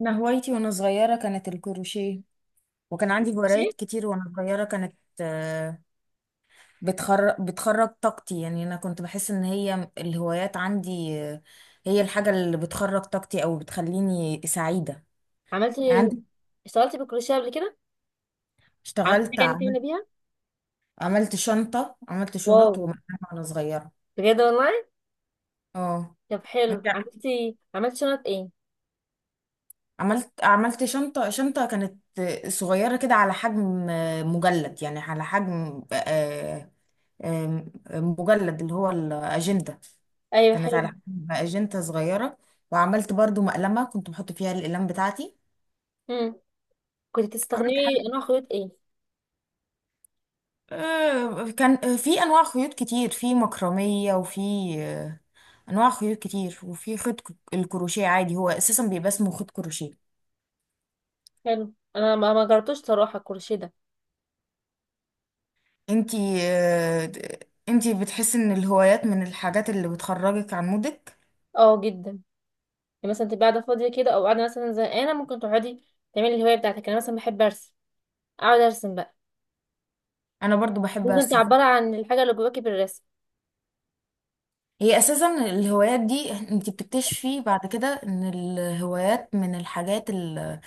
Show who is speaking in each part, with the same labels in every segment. Speaker 1: أنا هوايتي وأنا صغيرة كانت الكروشيه، وكان عندي
Speaker 2: ماشي.
Speaker 1: هوايات كتير وأنا صغيرة. كانت آه، بتخرج طاقتي، يعني أنا كنت بحس إن هي الهوايات عندي، هي الحاجة اللي بتخرج طاقتي أو بتخليني سعيدة.
Speaker 2: عملت
Speaker 1: يعني عندي
Speaker 2: اشتغلتي بالكروشيه قبل كده؟ عملت حاجه
Speaker 1: اشتغلت
Speaker 2: يعني تعملي
Speaker 1: عملت
Speaker 2: بيها؟
Speaker 1: عملت شنطة، عملت
Speaker 2: واو،
Speaker 1: شنط ومقاس وأنا صغيرة.
Speaker 2: بجد والله.
Speaker 1: اه.
Speaker 2: طب حلو،
Speaker 1: أنت،
Speaker 2: عملتي عملت شنط ايه؟
Speaker 1: عملت شنطة كانت صغيرة كده، على حجم مجلد، يعني على حجم آه، مجلد، اللي هو الأجندة.
Speaker 2: ايوه
Speaker 1: كانت على
Speaker 2: حلو.
Speaker 1: حجم اجنته صغيره. وعملت برضو مقلمه كنت بحط فيها الاقلام بتاعتي.
Speaker 2: امم كنت
Speaker 1: عملت حاجه،
Speaker 2: بتستخدمي انواع خيوط ايه؟
Speaker 1: كان في انواع خيوط كتير، في مكرميه وفي آه، انواع خيوط كتير، وفي خيط الكروشيه عادي. هو اساسا بيبقى اسمه خيط كروشيه.
Speaker 2: حلو. انا ما جربتوش صراحه الكروشيه ده.
Speaker 1: انتي آه، انتي بتحسي ان الهوايات من الحاجات اللي بتخرجك عن مودك؟
Speaker 2: اه جدا، يعني مثلا تبقى قاعده فاضيه كده او قاعده مثلا زهقانه، ممكن تقعدي تعملي الهوايه بتاعتك. انا مثلا بحب ارسم، اقعد ارسم بقى.
Speaker 1: انا برضو بحب
Speaker 2: ممكن
Speaker 1: ارسم.
Speaker 2: تعبري عن الحاجه اللي جواكي بالرسم.
Speaker 1: هي اساسا الهوايات دي انت بتكتشفي بعد كده ان الهوايات من الحاجات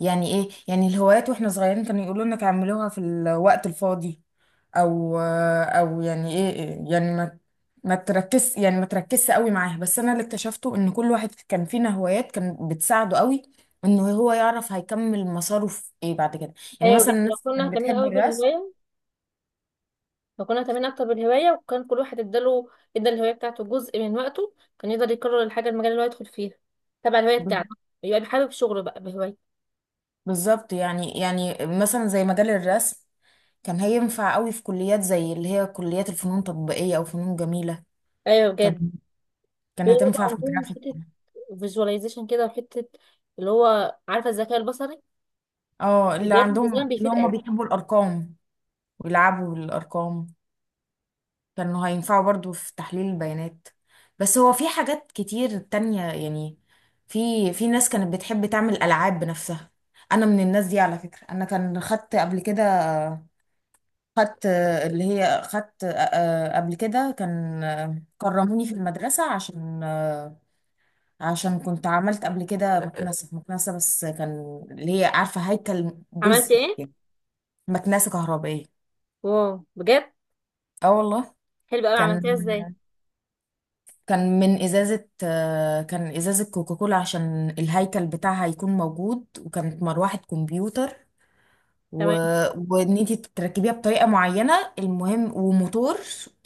Speaker 1: يعني ايه، يعني الهوايات واحنا صغيرين كانوا يقولوا لنا تعملوها في الوقت الفاضي، او يعني ايه، يعني ما تركز، يعني ما تركزش قوي معاها. بس انا اللي اكتشفته ان كل واحد كان فينا هوايات كان بتساعده قوي، انه هو يعرف هيكمل مساره في ايه بعد كده. يعني
Speaker 2: ايوه
Speaker 1: مثلا
Speaker 2: بجد، لو
Speaker 1: الناس
Speaker 2: كنا
Speaker 1: كانت
Speaker 2: كمان
Speaker 1: بتحب
Speaker 2: قوي
Speaker 1: الرسم.
Speaker 2: بالهوايه فكنا تمام اكتر بالهوايه، وكان كل واحد اداله ادى الهوايه بتاعته جزء من وقته، كان يقدر يكرر الحاجه المجال اللي هو يدخل فيها تبع الهوايه بتاعته، يبقى بيحابب شغله بقى بهوايه.
Speaker 1: بالظبط، يعني مثلا زي مجال الرسم، كان هينفع قوي في كليات زي اللي هي كليات الفنون التطبيقية او فنون جميلة.
Speaker 2: ايوه
Speaker 1: كان
Speaker 2: بجد.
Speaker 1: كان
Speaker 2: بيبقى
Speaker 1: هتنفع في
Speaker 2: عندهم
Speaker 1: الجرافيك.
Speaker 2: حته فيجواليزيشن كده، وحته اللي هو عارفه الذكاء البصري.
Speaker 1: اه، اللي
Speaker 2: بدايات الديزاين
Speaker 1: عندهم، اللي
Speaker 2: بيفيد
Speaker 1: هم
Speaker 2: قوي.
Speaker 1: بيحبوا الارقام ويلعبوا بالارقام كانوا هينفعوا برضو في تحليل البيانات. بس هو في حاجات كتير تانية يعني. في في ناس كانت بتحب تعمل العاب بنفسها. انا من الناس دي على فكرة. انا كان خدت قبل كده، خدت اللي هي خدت آه، آه، قبل كده كان، كرموني في المدرسة عشان، عشان كنت عملت قبل كده مكنسة. بس كان اللي هي عارفة هيكل
Speaker 2: عملت
Speaker 1: جزئي
Speaker 2: ايه؟
Speaker 1: يعني. مكنسة كهربائية.
Speaker 2: واو بجد.
Speaker 1: اه والله.
Speaker 2: حلو قوي،
Speaker 1: كان
Speaker 2: عملتيها ازاي؟
Speaker 1: كان من إزازة، كان إزازة كوكاكولا عشان الهيكل بتاعها يكون موجود، وكانت مروحة كمبيوتر. و...
Speaker 2: تمام.
Speaker 1: وإن أنت تركبيها بطريقة معينة، المهم، وموتور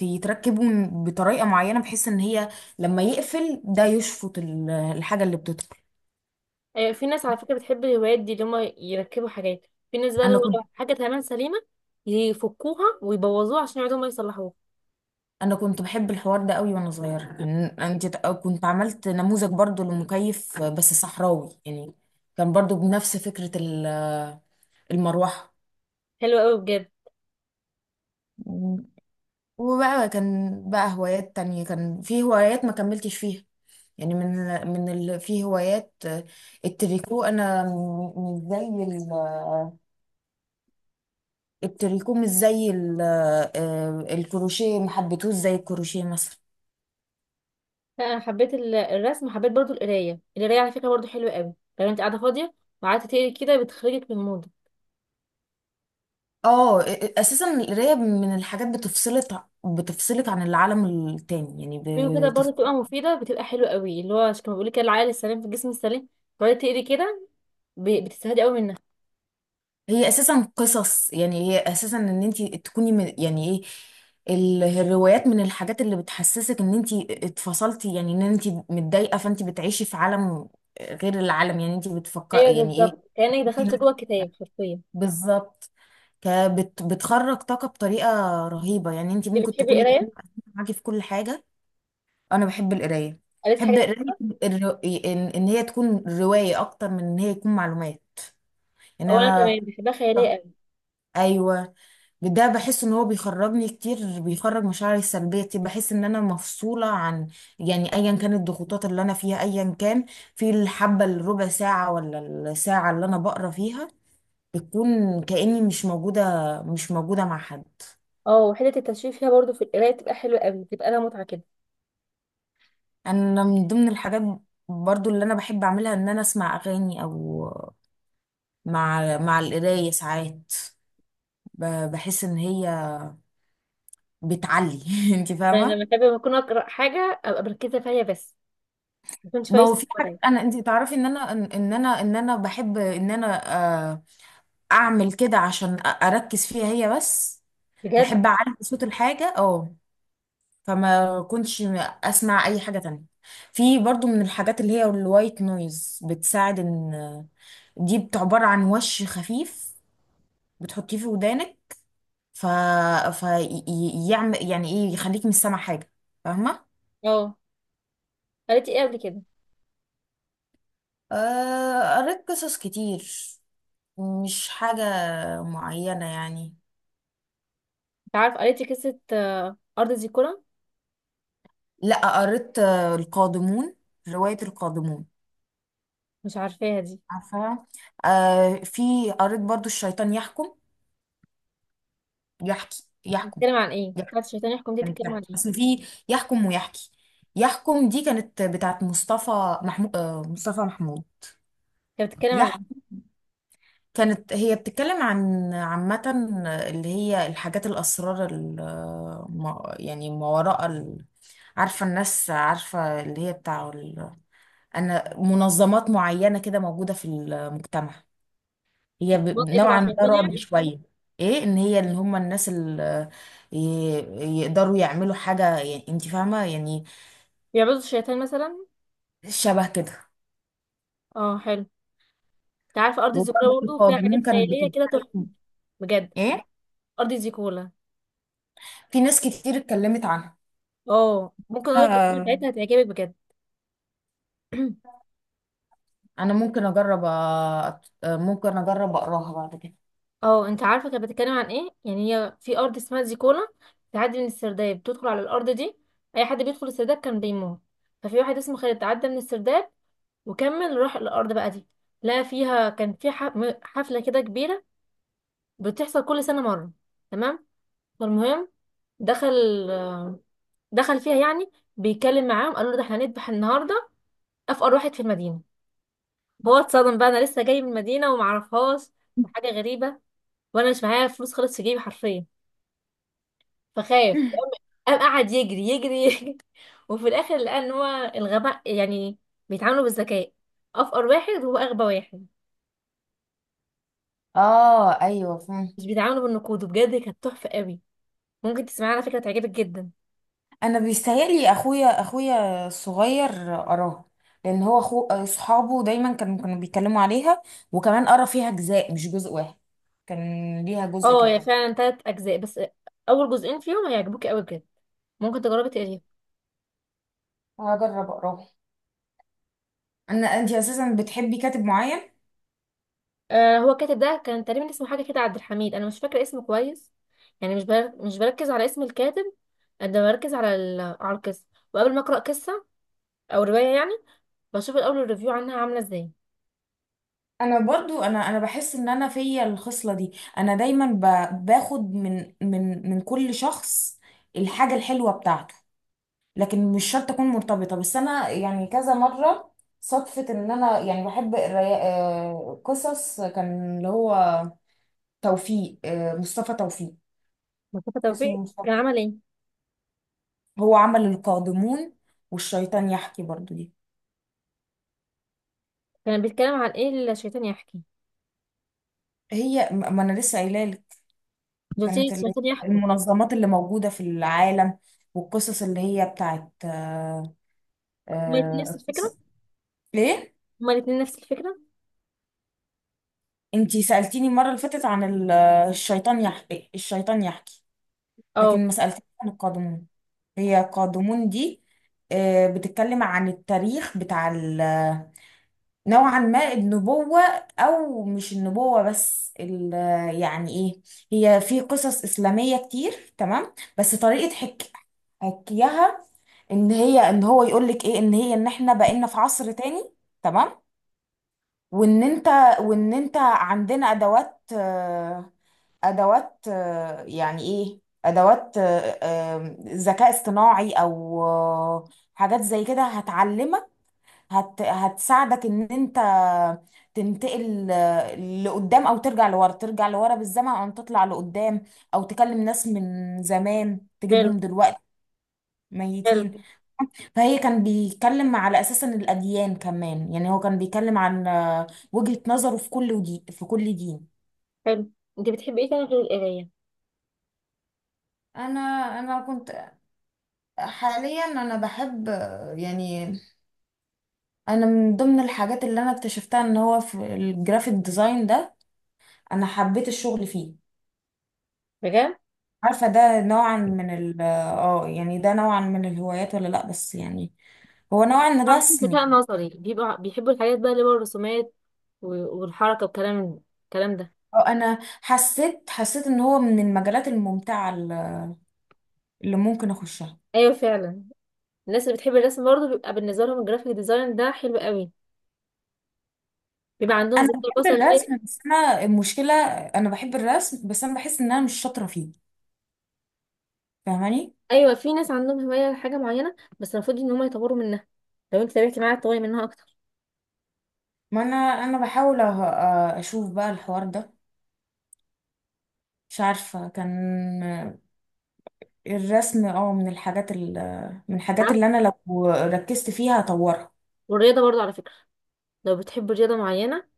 Speaker 1: يتركبه بطريقة معينة، بحيث إن هي لما يقفل ده يشفط الحاجة اللي بتدخل.
Speaker 2: ايوه، في ناس على فكره بتحب الهوايات دي اللي هم يركبوا حاجات، في ناس بقى اللي
Speaker 1: أنا كنت،
Speaker 2: هو حاجه تمام سليمه يفكوها ويبوظوها عشان يقعدوا ما يصلحوها.
Speaker 1: انا كنت بحب الحوار ده قوي وانا صغيره. يعني انت كنت عملت نموذج برضو لمكيف بس صحراوي، يعني كان برضو بنفس فكره المروحه.
Speaker 2: حلو قوي بجد.
Speaker 1: وبقى كان بقى هوايات تانية. كان في هوايات ما كملتش فيها، يعني من في هوايات، التريكو. انا مش زي التريكو مش زي ال... آه، الكروشيه، ما حبيتهوش زي الكروشيه مثلا.
Speaker 2: لا، انا حبيت الرسم، حبيت برضو القرايه على فكره برضو حلوه قوي. لو انت قاعده فاضيه وقعدت تقري كده، بتخرجك من المود.
Speaker 1: اه، اساسا القرايه من الحاجات بتفصلك عن العالم التاني يعني.
Speaker 2: في كده
Speaker 1: بتف...
Speaker 2: برضو بتبقى مفيده، بتبقى حلوه قوي، اللي هو كما بيقول لك كده العقل السليم في الجسم السليم. تقعدي تقري كده بتستفادي قوي منها.
Speaker 1: هي اساسا قصص، يعني هي اساسا ان انت تكوني من، يعني ايه، الروايات من الحاجات اللي بتحسسك ان انت اتفصلتي. يعني ان انت متضايقه فانت بتعيشي في عالم غير العالم، يعني انت
Speaker 2: ايوه
Speaker 1: بتفكري يعني ايه.
Speaker 2: بالظبط، كانك
Speaker 1: انت
Speaker 2: دخلت
Speaker 1: نفس-
Speaker 2: جوه الكتاب حرفيا.
Speaker 1: بالظبط، بتخرج طاقه بطريقه رهيبه. يعني انت
Speaker 2: انت
Speaker 1: ممكن
Speaker 2: بتحبي
Speaker 1: تكوني
Speaker 2: القرايه؟
Speaker 1: معاكي في كل حاجه. انا بحب القرايه،
Speaker 2: قريت
Speaker 1: بحب
Speaker 2: حاجه؟
Speaker 1: قرايه الر... ان إن هي تكون روايه اكتر من ان هي يكون معلومات. ان
Speaker 2: او انا كمان
Speaker 1: انا،
Speaker 2: بحبها خياليه قوي.
Speaker 1: ايوه، ده بحس ان هو بيخرجني كتير، بيخرج مشاعري السلبيه كتير. بحس ان انا مفصوله عن، يعني ايا كانت الضغوطات اللي انا فيها ايا كان. في الحبه الربع ساعه ولا الساعه اللي انا بقرا فيها، بتكون كاني مش موجوده مع حد.
Speaker 2: اه، وحته التشويق فيها برضو في القرايه بتبقى حلوه قوي، بتبقى لها متعه كده.
Speaker 1: انا من ضمن الحاجات برضو اللي انا بحب اعملها ان انا اسمع اغاني، او مع القراية ساعات بحس ان هي بتعلي. انت
Speaker 2: يعني
Speaker 1: فاهمة.
Speaker 2: لما اكون اقرا حاجه ابقى مركزه فيها بس، ما كنتش
Speaker 1: ما هو
Speaker 2: فايسه.
Speaker 1: في حاجات، انا انت تعرفي ان انا، ان انا بحب ان انا آه، اعمل كده عشان اركز فيها هي بس.
Speaker 2: بجد؟
Speaker 1: بحب اعلي صوت الحاجة. اه. فما كنتش اسمع اي حاجة تانية. في برضو من الحاجات اللي هي الوايت نويز، بتساعد ان دي عبارة عن وش خفيف بتحطيه في ودانك، ف فيعمل، يعني ايه، يخليك مش سامع حاجة. فاهمة؟
Speaker 2: اه. قريتي ايه قبل كده؟
Speaker 1: قريت قصص كتير، مش حاجة معينة يعني.
Speaker 2: انت عارف قريتي قصة أرض زيكولا؟
Speaker 1: لا، قريت القادمون، رواية القادمون.
Speaker 2: مش عارفاها دي.
Speaker 1: عارفة؟ آه، في، قريت برضو الشيطان يحكم يحكي يحكم
Speaker 2: بتتكلم عن ايه
Speaker 1: يحكي.
Speaker 2: بتاعت الشيطان يحكم دي؟
Speaker 1: كانت
Speaker 2: بتتكلم عن
Speaker 1: يحكي،
Speaker 2: ايه؟
Speaker 1: اصل في يحكم ويحكي. يحكم دي كانت بتاعت مصطفى محمود. آه، مصطفى محمود.
Speaker 2: كانت بتتكلم عن ايه؟
Speaker 1: كانت هي بتتكلم عن عامة، اللي هي الحاجات الأسرار، يعني ما وراء عارفة، الناس عارفة اللي هي بتاع أنا منظمات معينة كده موجودة في المجتمع. هي
Speaker 2: منطقة تبع
Speaker 1: نوعا ما
Speaker 2: الشيطان
Speaker 1: رعب
Speaker 2: يعني؟
Speaker 1: شوية. ايه، ان هي اللي هم الناس اللي يقدروا يعملوا حاجة يعني، انت فاهمة يعني.
Speaker 2: بيعبدوا الشيطان مثلا؟
Speaker 1: شبه كده.
Speaker 2: اه حلو. انت عارفة أرض زيكولا
Speaker 1: وبرضه
Speaker 2: برضه فيها حاجات
Speaker 1: القادمون كانت
Speaker 2: خيالية كده تحفة؟
Speaker 1: بتتكلم.
Speaker 2: بجد.
Speaker 1: ايه،
Speaker 2: أرض زيكولا.
Speaker 1: في ناس كتير اتكلمت
Speaker 2: اه، ممكن اقولك القصة
Speaker 1: عنها.
Speaker 2: بتاعتها، هتعجبك بجد.
Speaker 1: انا ممكن اجرب ممكن اجرب اقراها بعد كده.
Speaker 2: اه، انت عارفة كانت بتتكلم عن ايه؟ يعني هي في أرض اسمها زيكولا، بتعدي من السرداب بتدخل على الأرض دي. أي حد بيدخل السرداب كان بيموت. ففي واحد اسمه خالد تعدى من السرداب وكمل روح الارض بقى دي. لا، فيها كان في حفله كده كبيره، بتحصل كل سنه مره. تمام. فالمهم، دخل دخل فيها يعني، بيتكلم معاهم. قالوا له ده احنا هنذبح النهارده افقر واحد في المدينه. هو اتصدم بقى، انا لسه جاي من المدينه ومعرفهاش، وحاجه غريبه، وانا مش معايا فلوس خالص في جيبي حرفيا. فخاف، قام قعد يجري يجري وفي الاخر لقى ان هو الغباء يعني، بيتعاملوا بالذكاء. افقر واحد هو اغبى واحد،
Speaker 1: اه ايوه،
Speaker 2: مش
Speaker 1: فهمت.
Speaker 2: بيتعاملوا بالنقود. وبجد كانت تحفه قوي. ممكن تسمعها على فكرة، تعجبك جدا.
Speaker 1: انا بيستاهلي اخويا، الصغير، قراها، لان هو اخو اصحابه دايما كانوا بيتكلموا عليها. وكمان قرا فيها اجزاء، مش جزء واحد، كان ليها جزء
Speaker 2: اه هي
Speaker 1: كمان.
Speaker 2: فعلا تلات أجزاء، بس أول جزئين فيهم هيعجبوك أوي بجد. ممكن تجربي تقريهم.
Speaker 1: هجرب اقراها. انا، انت اساسا بتحبي كاتب معين؟
Speaker 2: آه، هو الكاتب ده كان تقريبا اسمه حاجة كده عبد الحميد، أنا مش فاكرة اسمه كويس. يعني مش بركز على اسم الكاتب، قد ما بركز على على القصة. وقبل ما أقرأ قصة أو رواية يعني، بشوف الأول الريفيو عنها عاملة ازاي.
Speaker 1: انا برضو، انا بحس ان انا فيا الخصله دي. انا دايما باخد من كل شخص الحاجه الحلوه بتاعته. لكن مش شرط اكون مرتبطه. بس انا يعني كذا مره صدفه ان انا يعني بحب الري... آه، قصص كان اللي هو توفيق، مصطفى توفيق.
Speaker 2: مصطفى
Speaker 1: اسمه
Speaker 2: توفيق
Speaker 1: مصطفى.
Speaker 2: كان عمل ايه؟
Speaker 1: هو عمل القادمون والشيطان يحكي برضو دي.
Speaker 2: كان بيتكلم عن ايه الشيطان يحكي؟
Speaker 1: هي، ما انا لسه قايله لك.
Speaker 2: دول
Speaker 1: كانت اللي
Speaker 2: الشيطان
Speaker 1: هي
Speaker 2: يحكوا.
Speaker 1: المنظمات اللي موجوده في العالم، والقصص اللي هي بتاعت
Speaker 2: هما الاتنين نفس
Speaker 1: آه،
Speaker 2: الفكرة
Speaker 1: قص- ليه؟
Speaker 2: هما الاتنين نفس الفكرة.
Speaker 1: انتي سألتيني المره اللي فاتت عن الشيطان يحكي، الشيطان يحكي،
Speaker 2: اه
Speaker 1: لكن ما سألتنيش عن القادمون. هي قادمون دي بتتكلم عن التاريخ بتاع نوعا ما النبوة. أو مش النبوة بس يعني إيه. هي في قصص إسلامية كتير تمام، بس طريقة حكيها، إن هي، إن هو يقول لك إيه، إن هي، إن إحنا بقينا في عصر تاني، تمام. وإن أنت وإن أنت عندنا أدوات، ادوات، يعني ايه، ادوات، ذكاء اصطناعي، او حاجات زي كده هتعلمك، هتساعدك ان انت تنتقل لقدام، او ترجع لورا، بالزمن، او تطلع لقدام، او تكلم ناس من زمان
Speaker 2: حلو.
Speaker 1: تجيبهم دلوقتي، ميتين.
Speaker 2: حلو.
Speaker 1: فهي كان بيتكلم على اساس ان الاديان كمان، يعني هو كان بيتكلم عن وجهة نظره في كل ودي، في كل دين.
Speaker 2: حلو، انت بتحبي ايه تاني غير القرايه؟
Speaker 1: انا انا كنت، حاليا انا بحب، يعني انا من ضمن الحاجات اللي انا اكتشفتها ان هو في الجرافيك ديزاين ده، انا حبيت الشغل فيه.
Speaker 2: بجد.
Speaker 1: عارفة، ده نوعا من ال اه يعني ده نوعا من الهوايات ولا لا، بس يعني هو نوعا
Speaker 2: عندهم
Speaker 1: رسمي.
Speaker 2: ذكاء نظري بيبقوا بيحبوا الحاجات بقى اللي هو الرسومات والحركه الكلام ده.
Speaker 1: اه، انا حسيت ان هو من المجالات الممتعة اللي ممكن اخشها.
Speaker 2: ايوه فعلا. الناس اللي بتحب الرسم برضه بيبقى بالنسبه لهم الجرافيك ديزاين ده حلو قوي، بيبقى عندهم
Speaker 1: انا
Speaker 2: ذكاء
Speaker 1: بحب
Speaker 2: بصري غير
Speaker 1: الرسم بس انا المشكلة، انا بحب الرسم بس انا بحس ان انا مش شاطرة فيه. فاهماني؟
Speaker 2: ايوه، في ناس عندهم هوايه لحاجه معينه، بس المفروض ان هم يطوروا منها. لو انت تابعتي معاها تطوري منها اكتر.
Speaker 1: ما انا، انا بحاول أه- أه، اشوف بقى الحوار ده، مش عارفة. كان الرسم اه من الحاجات من الحاجات اللي
Speaker 2: عارفة؟
Speaker 1: انا لو ركزت فيها هطورها.
Speaker 2: والرياضه برضه على فكره، لو بتحب رياضه معينه،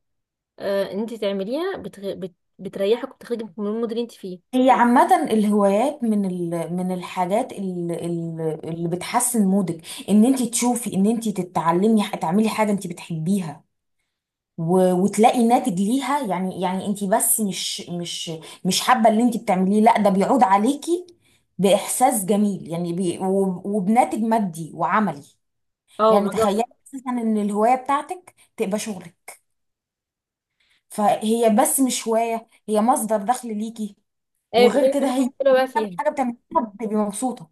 Speaker 2: آه انت تعمليها بتريحك وبتخرجك من المود اللي انت فيه.
Speaker 1: هي عامة الهوايات من من الحاجات اللي بتحسن مودك. ان انت تشوفي ان انت تتعلمي، تعملي حاجة انت بتحبيها وتلاقي ناتج ليها. يعني، انت بس مش، مش حابة اللي انت بتعمليه، لا، ده بيعود عليكي بإحساس جميل. يعني وبناتج مادي وعملي.
Speaker 2: اه
Speaker 1: يعني تخيلي
Speaker 2: بالظبط.
Speaker 1: اساسا ان الهوايه بتاعتك تبقى شغلك، فهي بس مش هوايه، هي مصدر دخل ليكي.
Speaker 2: ايوه،
Speaker 1: وغير
Speaker 2: بتعملي
Speaker 1: كده
Speaker 2: كل
Speaker 1: هي
Speaker 2: حاجه حلوه بقى فيها.
Speaker 1: حاجه بتعمليها بتبقي مبسوطة.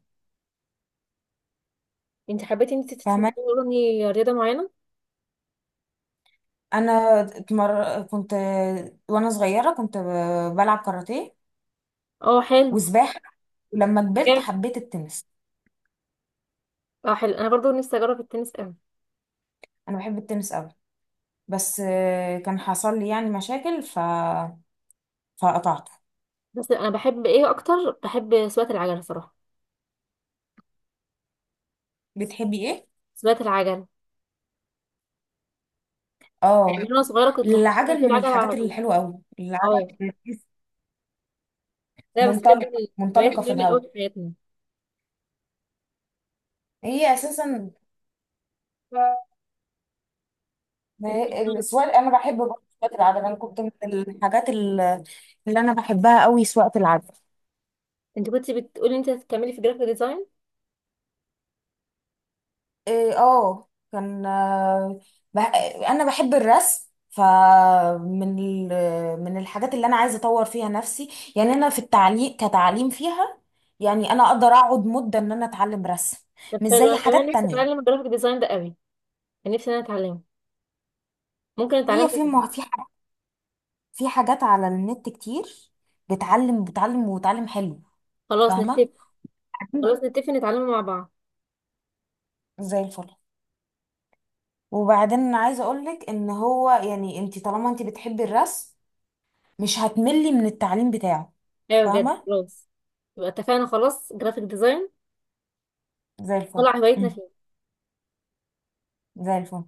Speaker 2: انت حبيتي انت
Speaker 1: فاهماني؟
Speaker 2: تتمرني رياضه معينه؟
Speaker 1: انا كنت وانا صغيره كنت بلعب كاراتيه
Speaker 2: اه حلو.
Speaker 1: وسباحه. ولما كبرت
Speaker 2: جامد.
Speaker 1: حبيت التنس.
Speaker 2: اه حلو، انا برضو نفسي اجرب التنس قوي.
Speaker 1: انا بحب التنس قوي، بس كان حصل لي يعني مشاكل فقطعته.
Speaker 2: بس انا بحب ايه اكتر؟ بحب سواقه العجل صراحه.
Speaker 1: بتحبي ايه؟
Speaker 2: سواقه العجل يعني، من
Speaker 1: اه،
Speaker 2: وانا صغيره كنت بحب اسوق
Speaker 1: العجل من
Speaker 2: العجل على
Speaker 1: الحاجات
Speaker 2: طول.
Speaker 1: الحلوه قوي،
Speaker 2: اه.
Speaker 1: العجل.
Speaker 2: لا بس
Speaker 1: منطلقة
Speaker 2: بجد، الهوايات
Speaker 1: منطلقة في
Speaker 2: مهمه قوي
Speaker 1: الهواء.
Speaker 2: في حياتنا.
Speaker 1: هي أساسا، ما
Speaker 2: انت
Speaker 1: هي- السواقة، أنا بحب برضه سواقة العجل. أنا كنت من الحاجات اللي أنا بحبها قوي سواقة العجل.
Speaker 2: انت كنت بتقولي انت هتكملي في جرافيك ديزاين.
Speaker 1: إيه، اه، كان بح... أنا بحب الرسم، فمن من الحاجات اللي أنا عايزة أطور فيها نفسي. يعني أنا في التعليم كتعليم فيها، يعني أنا أقدر أقعد مدة إن أنا أتعلم رسم،
Speaker 2: طب
Speaker 1: مش
Speaker 2: حلو،
Speaker 1: زي
Speaker 2: انا كمان
Speaker 1: حاجات
Speaker 2: نفسي
Speaker 1: تانية.
Speaker 2: اتعلم الجرافيك ديزاين ده قوي. كان نفسي إن انا اتعلمه. ممكن
Speaker 1: هي
Speaker 2: اتعلمه.
Speaker 1: في في حاجات على النت كتير بتعلم، وتعلم حلو.
Speaker 2: خلاص
Speaker 1: فاهمه.
Speaker 2: نتفق.
Speaker 1: أكيد.
Speaker 2: خلاص نتفق نتعلمه مع بعض.
Speaker 1: زي الفل. وبعدين انا عايزه اقول لك ان هو، يعني انت طالما انت بتحبي الرسم مش هتملي من التعليم بتاعه.
Speaker 2: ايوه بجد
Speaker 1: فاهمه.
Speaker 2: خلاص. يبقى اتفقنا خلاص، جرافيك ديزاين
Speaker 1: زي الفل.
Speaker 2: طلع هوايتنا
Speaker 1: مم.
Speaker 2: فيه.
Speaker 1: زي الفل.